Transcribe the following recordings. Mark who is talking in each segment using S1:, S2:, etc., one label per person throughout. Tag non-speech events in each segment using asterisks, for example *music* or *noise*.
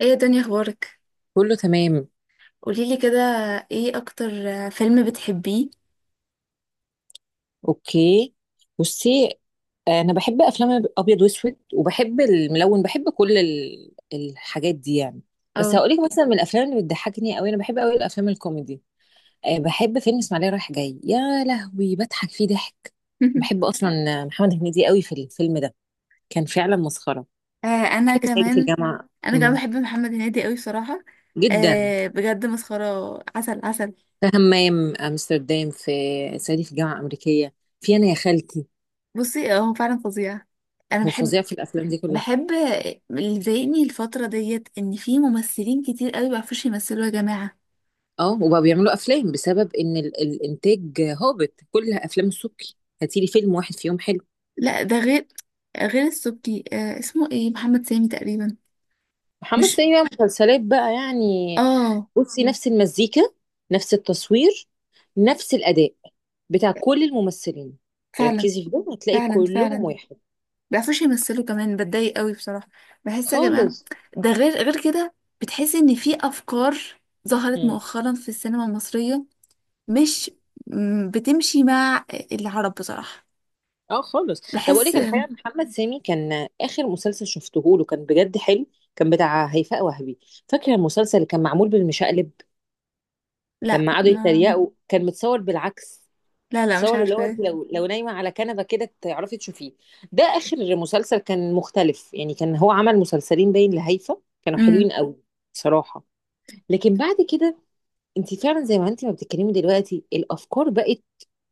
S1: ايه يا دنيا، اخبارك؟
S2: كله تمام.
S1: قوليلي كده، ايه اكتر فيلم بتحبيه؟
S2: اوكي، بصي، انا بحب افلام ابيض واسود وبحب الملون، بحب كل الحاجات دي يعني.
S1: او
S2: بس
S1: *laughs*
S2: هقولك مثلا، من الافلام اللي بتضحكني قوي، انا بحب قوي الافلام الكوميدي. بحب فيلم اسماعيليه رايح جاي، يا لهوي بضحك فيه ضحك. بحب اصلا محمد هنيدي قوي في الفيلم ده، كان فعلا مسخره.
S1: آه، انا
S2: بحب صعيدي في
S1: كمان.
S2: الجامعه.
S1: انا كمان
S2: مم.
S1: بحب محمد هنيدي قوي بصراحه.
S2: جدا.
S1: آه، بجد مسخره، عسل عسل.
S2: في همام، امستردام، في صعيدي في الجامعه الامريكيه، في انا يا خالتي.
S1: بصي، آه، هو فعلا فظيع. انا
S2: هو
S1: بحب
S2: فظيع في الافلام دي كلها.
S1: بحب اللي ضايقني الفتره ديت ان في ممثلين كتير قوي ما بيعرفوش يمثلوا يا جماعه.
S2: اه، وبقوا بيعملوا افلام بسبب ان الانتاج هابط. كل افلام السبكي، هاتيلي فيلم واحد فيهم حلو.
S1: لا، ده غير السبكي. آه، اسمه ايه؟ محمد سامي تقريبا.
S2: محمد
S1: مش.
S2: سامي بقى مسلسلات بقى يعني.
S1: اه.
S2: بصي، نفس المزيكا، نفس التصوير، نفس الاداء بتاع كل الممثلين.
S1: فعلا
S2: ركزي في ده، هتلاقي
S1: فعلا
S2: كلهم
S1: فعلا،
S2: واحد.
S1: بيعرفوش يمثلوا كمان، بتضايق قوي بصراحة. بحس يا جماعة،
S2: خالص.
S1: ده غير، غير كده. بتحس ان في افكار ظهرت
S2: مم.
S1: مؤخرا في السينما المصرية. مش بتمشي مع العرب بصراحة.
S2: اه خالص. طب اقول
S1: بحس.
S2: لك الحقيقه، محمد سامي كان اخر مسلسل شفته له كان بجد حلو. كان بتاع هيفاء وهبي. فاكره المسلسل اللي كان معمول بالمشقلب،
S1: لا
S2: لما قعدوا يتريقوا كان متصور بالعكس،
S1: لا، لا، مش
S2: تصور اللي هو انت
S1: عارفة.
S2: لو نايمه على كنبه كده تعرفي تشوفيه. ده اخر مسلسل كان مختلف يعني. كان هو عمل مسلسلين باين لهيفا، كانوا
S1: امم.
S2: حلوين قوي بصراحه. لكن بعد كده، انت فعلا زي ما انت ما بتتكلمي دلوقتي، الافكار بقت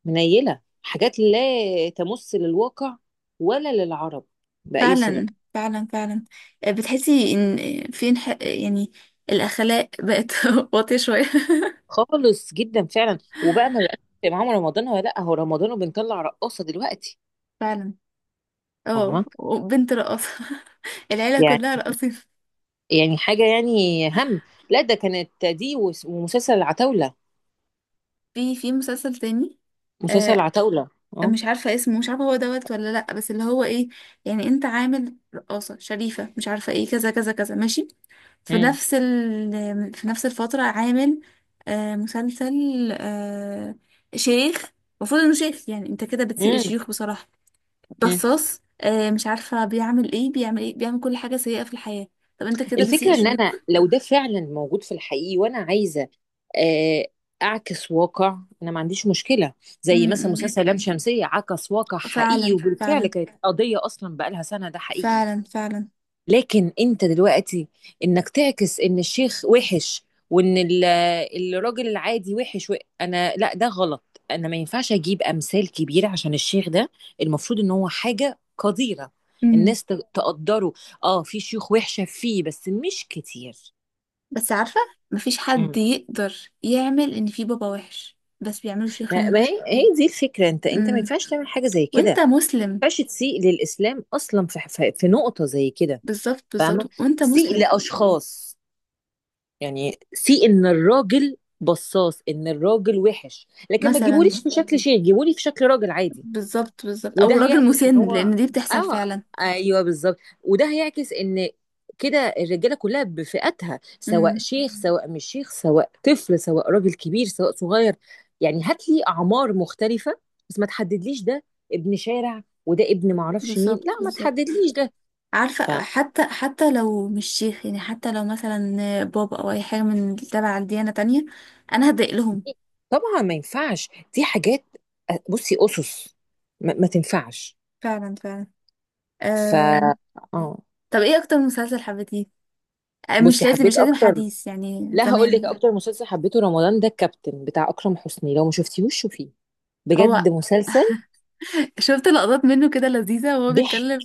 S2: منيله. حاجات لا تمس للواقع ولا للعرب باي صله.
S1: فعلا فعلا فعلا. بتحسي ان في يعني الاخلاق بقت *laughs* واطية شوية.
S2: خالص جدا فعلا. وبقى ما بقاش معاهم رمضان، ولا لا هو رمضان وبنطلع رقاصه دلوقتي.
S1: فعلا. اه،
S2: فاهمه.
S1: وبنت رقاصة. *laughs* العيلة
S2: يعني
S1: كلها راقصين.
S2: يعني حاجة يعني هم، لا ده كانت دي ومسلسل العتاولة.
S1: في مسلسل تاني.
S2: مسلسل
S1: آه،
S2: العتاولة، اه.
S1: مش عارفة اسمه، مش عارفة هو دوت ولا لأ، بس اللي هو ايه، يعني انت عامل رقاصة شريفة مش عارفة ايه، كذا كذا كذا ماشي.
S2: مم.
S1: في نفس الفترة عامل مسلسل، آه شيخ. المفروض انه شيخ، يعني انت كده بتسيء
S2: مم.
S1: الشيوخ بصراحة.
S2: مم.
S1: بصاص، مش عارفة بيعمل ايه، بيعمل ايه، بيعمل كل حاجة سيئة في الحياة. طب انت كده بتسيء
S2: الفكرة ان
S1: الشيوخ.
S2: انا لو ده فعلا موجود في الحقيقي وانا عايزة آه، اعكس واقع، انا ما عنديش مشكلة. زي مثلا
S1: امم.
S2: مسلسل لام شمسية، عكس واقع حقيقي،
S1: فعلا
S2: وبالفعل
S1: فعلا
S2: كانت قضية اصلا بقالها سنة، ده حقيقي.
S1: فعلا فعلا.
S2: لكن انت دلوقتي انك تعكس ان الشيخ وحش، وان الراجل العادي وحش انا لا، ده غلط. انا ما ينفعش اجيب امثال كبيره عشان الشيخ ده المفروض ان هو حاجه قديره،
S1: مم.
S2: الناس تقدره. اه في شيوخ وحشه فيه، بس مش كتير.
S1: بس عارفة، مفيش حد
S2: مم.
S1: يقدر يعمل ان في بابا وحش، بس بيعملوا شيخ
S2: ما,
S1: ان.
S2: ما هي دي الفكره، انت ما
S1: مم.
S2: ينفعش تعمل حاجه زي كده. ما
S1: وانت مسلم.
S2: ينفعش تسيء للاسلام اصلا في نقطه زي كده.
S1: بالظبط
S2: فاهمه،
S1: بالظبط، وانت
S2: تسيء
S1: مسلم.
S2: لاشخاص. يعني سي ان الراجل بصاص، ان الراجل وحش، لكن ما
S1: مثلا
S2: تجيبوليش في شكل شيخ، جيبولي في شكل راجل عادي.
S1: بالظبط بالظبط،
S2: وده
S1: او راجل
S2: هيعكس ان
S1: مسن،
S2: هو،
S1: لان دي بتحصل
S2: اه
S1: فعلا.
S2: ايوه بالظبط. وده هيعكس ان كده الرجاله كلها بفئاتها، سواء
S1: امم.
S2: شيخ سواء مش شيخ، سواء طفل سواء راجل كبير سواء صغير. يعني هات لي اعمار مختلفه، بس ما تحددليش ده ابن شارع وده ابن معرفش مين. لا،
S1: بالظبط
S2: ما
S1: بالظبط،
S2: تحددليش ده.
S1: عارفة، حتى لو مش شيخ، يعني حتى لو مثلا بابا او اي حاجة من تبع الديانة تانية، انا هضايق لهم.
S2: طبعا ما ينفعش، دي حاجات بصي أسس ما تنفعش.
S1: فعلا فعلا.
S2: ف
S1: أم...
S2: اه
S1: طب ايه اكتر مسلسل حبيتيه؟ أه،
S2: بصي،
S1: مش لازم
S2: حبيت
S1: مش لازم
S2: اكتر.
S1: حديث، يعني
S2: لا هقول لك،
S1: زمان.
S2: اكتر مسلسل حبيته رمضان ده الكابتن بتاع اكرم حسني. لو ما شفتيهوش شوفيه،
S1: هو
S2: بجد مسلسل
S1: شفت لقطات منه كده لذيذة، وهو
S2: ضحك
S1: بيتكلم،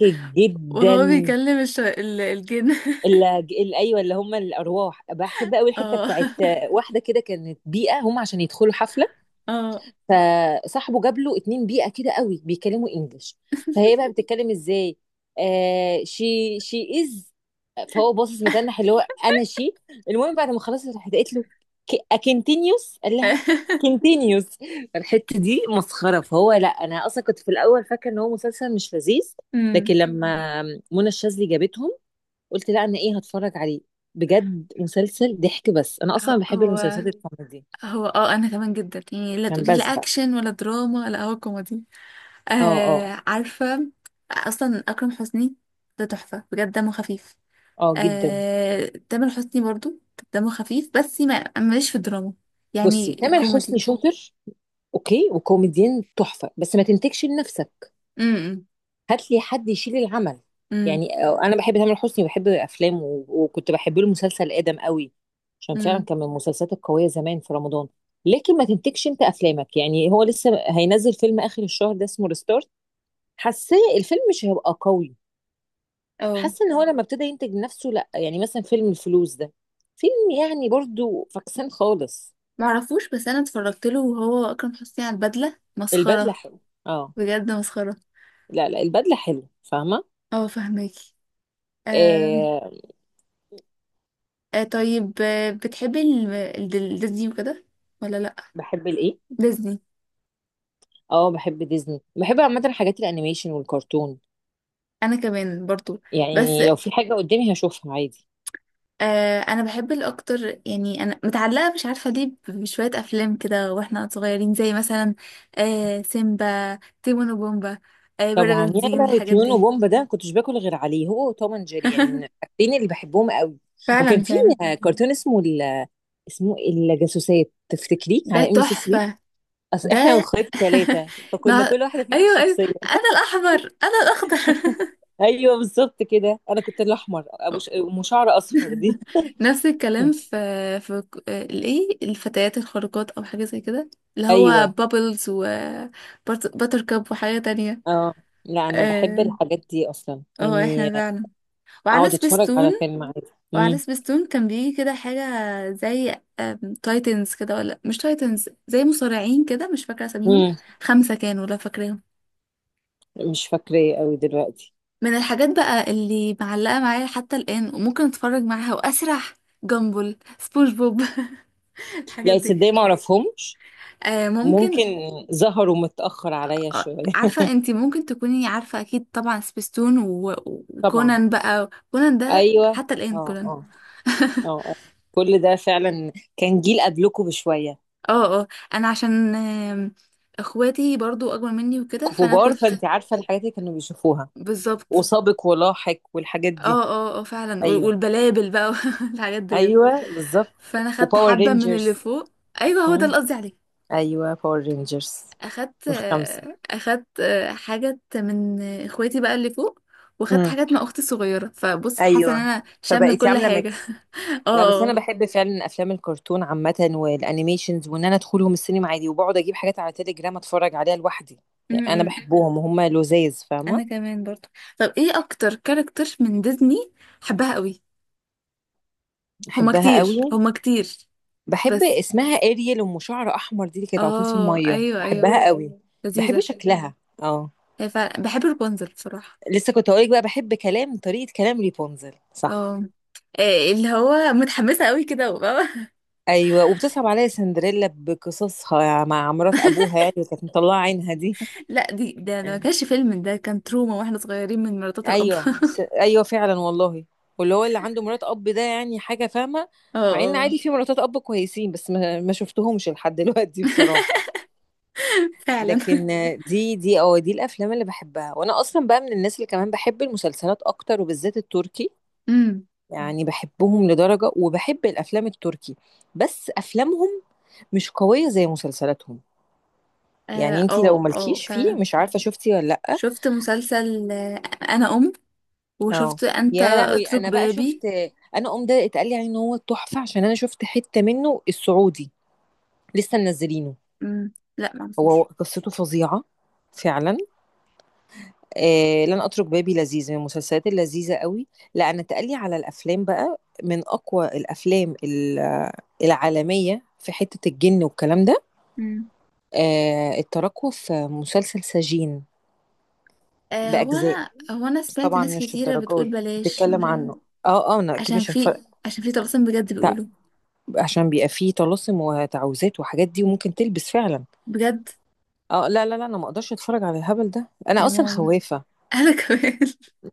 S1: وهو
S2: جدا.
S1: بيكلم الجن *laughs*
S2: اللي ايوه، اللي هم الارواح، بحب قوي الحته
S1: اه
S2: بتاعت واحده كده كانت بيئه، هم عشان يدخلوا حفله،
S1: اه.
S2: فصاحبه جاب له اتنين بيئة كده قوي بيتكلموا انجلش. فهي بقى بتتكلم ازاي، شي شي از. فهو باصص متنح، اللي هو انا شي. المهم بعد ما خلصت راحت قالت له اكنتينيوس، قال لها
S1: *laughs*
S2: كنتينيوس. الحتة دي مسخرة. فهو، لا انا اصلا كنت في الاول فاكرة ان هو مسلسل مش لذيذ، لكن
S1: أمم.
S2: لما منى الشاذلي جابتهم قلت لا، انا ايه هتفرج عليه. بجد مسلسل ضحك. بس انا اصلا
S1: ه-
S2: بحب
S1: هو
S2: المسلسلات الكوميدي
S1: هو انا كمان جدا، يعني لا
S2: عشان
S1: تقولي لا
S2: بزهق.
S1: اكشن ولا دراما، لا، هو كوميدي.
S2: اه اه
S1: آه، عارفة. اصلا اكرم حسني ده تحفة بجد، دمه خفيف.
S2: اه جدا.
S1: آه، تامر حسني برضو دمه خفيف، بس ما مش في الدراما،
S2: بصي،
S1: يعني
S2: تامر حسني
S1: كوميدي.
S2: شاطر، اوكي، وكوميديان تحفه، بس ما تنتجش لنفسك.
S1: امم.
S2: هات لي حد يشيل العمل
S1: امم.
S2: يعني. انا بحب تامر حسني وبحب افلامه، وكنت بحب له مسلسل ادم قوي عشان فعلا كان من المسلسلات القويه زمان في رمضان. لكن ما تنتجش انت افلامك يعني. هو لسه هينزل فيلم اخر الشهر ده اسمه ريستارت، حاساه الفيلم مش هيبقى قوي.
S1: امم.
S2: حاسه ان هو لما ابتدى ينتج نفسه، لا. يعني مثلا فيلم الفلوس ده، فيلم يعني برضو فكسان خالص.
S1: معرفوش، بس انا اتفرجت له، وهو اكرم حسني، على البدله
S2: البدله
S1: مسخره.
S2: حلو، اه.
S1: بجد مسخره.
S2: لا لا البدله حلوه، فاهمه.
S1: اه، فهماكي. آم،
S2: آه.
S1: آه، طيب. بتحبي ديزني وكده ولا لا؟
S2: بحب الايه؟
S1: ديزني.
S2: اه بحب ديزني. بحب عامه حاجات الانيميشن والكرتون،
S1: انا كمان برضو. بس
S2: يعني لو في حاجه قدامي هشوفها عادي.
S1: انا بحب الاكتر، يعني انا متعلقه مش عارفه ليه بشويه افلام كده واحنا صغيرين، زي مثلا سيمبا، تيمون وبومبا، بره
S2: طبعا، يا
S1: بنزين،
S2: لهوي
S1: الحاجات
S2: تيون
S1: دي.
S2: وبومبا ده كنتش باكل غير عليه، هو وتوم اند جيري، يعني من
S1: *laughs*
S2: الحاجتين اللي بحبهم قوي. وكان
S1: فعلا
S2: في
S1: فعلا.
S2: كرتون اسمه اسمه الجاسوسات، تفتكريه
S1: ده
S2: على ام بي سي 3.
S1: تحفه.
S2: اصل
S1: ده
S2: احنا واخواتي
S1: *laughs*
S2: ثلاثه، فكنا
S1: نا...
S2: كل واحده فينا
S1: ايوه ايوه،
S2: الشخصيه.
S1: انا الاحمر، انا الاخضر.
S2: ايوه بالظبط كده، انا كنت الاحمر ابو ام شعر اصفر دي.
S1: *laughs* نفس الكلام
S2: *laughs*
S1: في الايه، الفتيات الخارقات، او حاجه زي كده، اللي هو
S2: ايوه،
S1: بابلز و باتر كاب وحاجه تانية.
S2: اه. لا انا بحب
S1: اه.
S2: الحاجات دي اصلا
S1: آه،
S2: يعني،
S1: احنا فعلا. وعلى
S2: اقعد اتفرج
S1: سبيستون.
S2: على فيلم عادي.
S1: وعلى
S2: امم.
S1: سبيستون كان بيجي كده حاجه زي تايتنز كده، ولا مش تايتنز، زي مصارعين كده، مش فاكره اساميهم.
S2: امم.
S1: خمسه كانوا، لا فاكراهم.
S2: مش فاكراه قوي دلوقتي.
S1: من الحاجات بقى اللي معلقة معايا حتى الآن، وممكن اتفرج معاها واسرح، جامبل، سبونج بوب *laughs* الحاجات
S2: لا
S1: دي.
S2: تصدقي ما اعرفهمش.
S1: آه،
S2: ممكن
S1: ممكن.
S2: ظهروا متاخر عليا
S1: آه،
S2: شويه.
S1: عارفة،
S2: *laughs*
S1: انتي ممكن تكوني عارفة اكيد طبعا سبيستون
S2: طبعا،
S1: وكونان بقى، كونان ده
S2: ايوه.
S1: حتى الآن
S2: اه
S1: كونان.
S2: اه اه اه. كل ده فعلا كان جيل قبلكم بشويه،
S1: اه اه. انا عشان اخواتي برضو اكبر مني وكده، فانا
S2: كبار،
S1: كنت.
S2: فانت عارفه الحاجات اللي كانوا بيشوفوها،
S1: بالظبط.
S2: وسابق ولاحق والحاجات دي.
S1: اه اه اه، فعلا،
S2: ايوه
S1: والبلابل بقى *laughs* الحاجات ديت.
S2: ايوه بالظبط.
S1: فانا خدت
S2: وباور
S1: حبة من اللي
S2: رينجرز.
S1: فوق. ايوه، هو ده
S2: امم،
S1: اللي قصدي عليه.
S2: ايوه باور رينجرز
S1: اخدت
S2: الخمسه.
S1: اخدت حاجات من اخواتي بقى اللي فوق، واخدت حاجات مع اختي الصغيره، فبص حاسه ان
S2: ايوه،
S1: انا شامله
S2: فبقيتي
S1: كل
S2: عامله
S1: حاجه.
S2: ميكس.
S1: *laughs* اه.
S2: لا بس انا
S1: آه.
S2: بحب فعلا افلام الكرتون عامه والانيميشنز، وان انا ادخلهم السينما عادي، وبقعد اجيب حاجات على تليجرام اتفرج عليها لوحدي. يعني انا
S1: أمم.
S2: بحبهم وهم لذاذ،
S1: انا
S2: فاهمه.
S1: كمان برضو. طب ايه اكتر كاركتر من ديزني حبها قوي؟ هما
S2: احبها
S1: كتير
S2: قوي.
S1: هما كتير.
S2: بحب
S1: بس
S2: اسمها اريل، ام شعر احمر دي اللي كانت على طول في
S1: اه،
S2: الميه،
S1: ايوه ايوه،
S2: بحبها قوي. بحب
S1: لذيذه.
S2: شكلها. اه،
S1: هي فعلا بحب رابنزل بصراحه.
S2: لسه كنت هقولك بقى، بحب كلام طريقه كلام ريبونزل، صح.
S1: اه. إيه اللي هو متحمسه قوي كده، وبابا.
S2: ايوه، وبتصعب عليا سندريلا بقصصها مع مرات ابوها
S1: *laughs*
S2: يعني، اللي كانت مطلعه عينها دي.
S1: لا، دي ده ما كانش فيلم، ده كان تروما واحنا صغيرين من مراتات الاب.
S2: ايوه ايوه فعلا والله. واللي هو اللي عنده مرات اب ده، يعني حاجه، فاهمه.
S1: اه
S2: مع ان
S1: اه.
S2: عادي في مراتات اب كويسين، بس ما شفتهمش لحد *laughs* دلوقتي
S1: *laughs*
S2: بصراحه.
S1: فعلا.
S2: لكن دي اه دي الافلام اللي بحبها. وانا اصلا بقى من الناس اللي كمان بحب المسلسلات اكتر، وبالذات التركي.
S1: امم.
S2: يعني بحبهم لدرجه، وبحب الافلام التركي بس افلامهم مش قويه زي مسلسلاتهم. يعني
S1: اه
S2: انتي لو
S1: اه، آه،
S2: مالكيش فيه،
S1: فعلا.
S2: مش عارفه شفتي ولا لا؟
S1: شفت مسلسل انا
S2: اه،
S1: وشفت انت
S2: يا لهوي، انا
S1: اترك
S2: بقى
S1: بابي.
S2: شفت انا ده، اتقال لي عليه ان هو تحفه، عشان انا شفت حته منه السعودي، لسه منزلينه.
S1: امم. لا،
S2: هو
S1: معرفوش.
S2: قصته فظيعه فعلا. لن اترك بابي، لذيذ، من المسلسلات اللذيذه قوي. لا انا اتقال لي على الافلام، بقى من اقوى الافلام العالميه في حته الجن والكلام ده.
S1: امم.
S2: التراكوة في مسلسل سجين،
S1: آه، هو
S2: باجزاء.
S1: انا هو انا
S2: بس
S1: سمعت
S2: طبعا
S1: ناس
S2: مش
S1: كتيره بتقول
S2: الدرجات
S1: بلاش، مش
S2: بتتكلم عنه. اه اه انا اكيد
S1: عشان
S2: مش
S1: في
S2: هتفرق.
S1: عشان في طلاسم بجد بيقولوا.
S2: عشان بيبقى فيه طلاسم وتعويذات وحاجات دي، وممكن تلبس فعلا.
S1: بجد
S2: اه لا لا لا، انا ما اقدرش اتفرج على الهبل ده، انا
S1: يا
S2: اصلا
S1: ماما.
S2: خوافه.
S1: *laughs* انا كمان.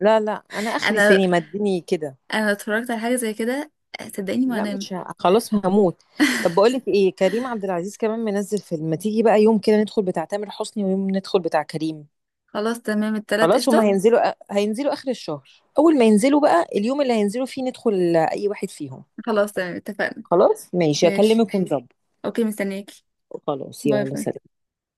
S2: لا لا، انا اخري
S1: انا
S2: سينما اديني كده.
S1: انا اتفرجت على حاجه زي كده، آه، صدقيني ما
S2: لا
S1: انام.
S2: مش خلاص هموت. طب بقول لك ايه، كريم عبد العزيز كمان منزل فيلم، ما تيجي بقى يوم كده ندخل بتاع تامر حسني، ويوم ندخل بتاع كريم.
S1: خلاص تمام، التلات
S2: خلاص، هما
S1: قشطه.
S2: هينزلوا اخر الشهر. اول ما ينزلوا بقى، اليوم اللي هينزلوا فيه ندخل اي واحد فيهم.
S1: خلاص تمام، اتفقنا.
S2: خلاص ماشي،
S1: ماشي.
S2: اكلمك ونظبط.
S1: اوكي، مستنياكي.
S2: خلاص،
S1: باي
S2: يلا
S1: باي.
S2: سلام.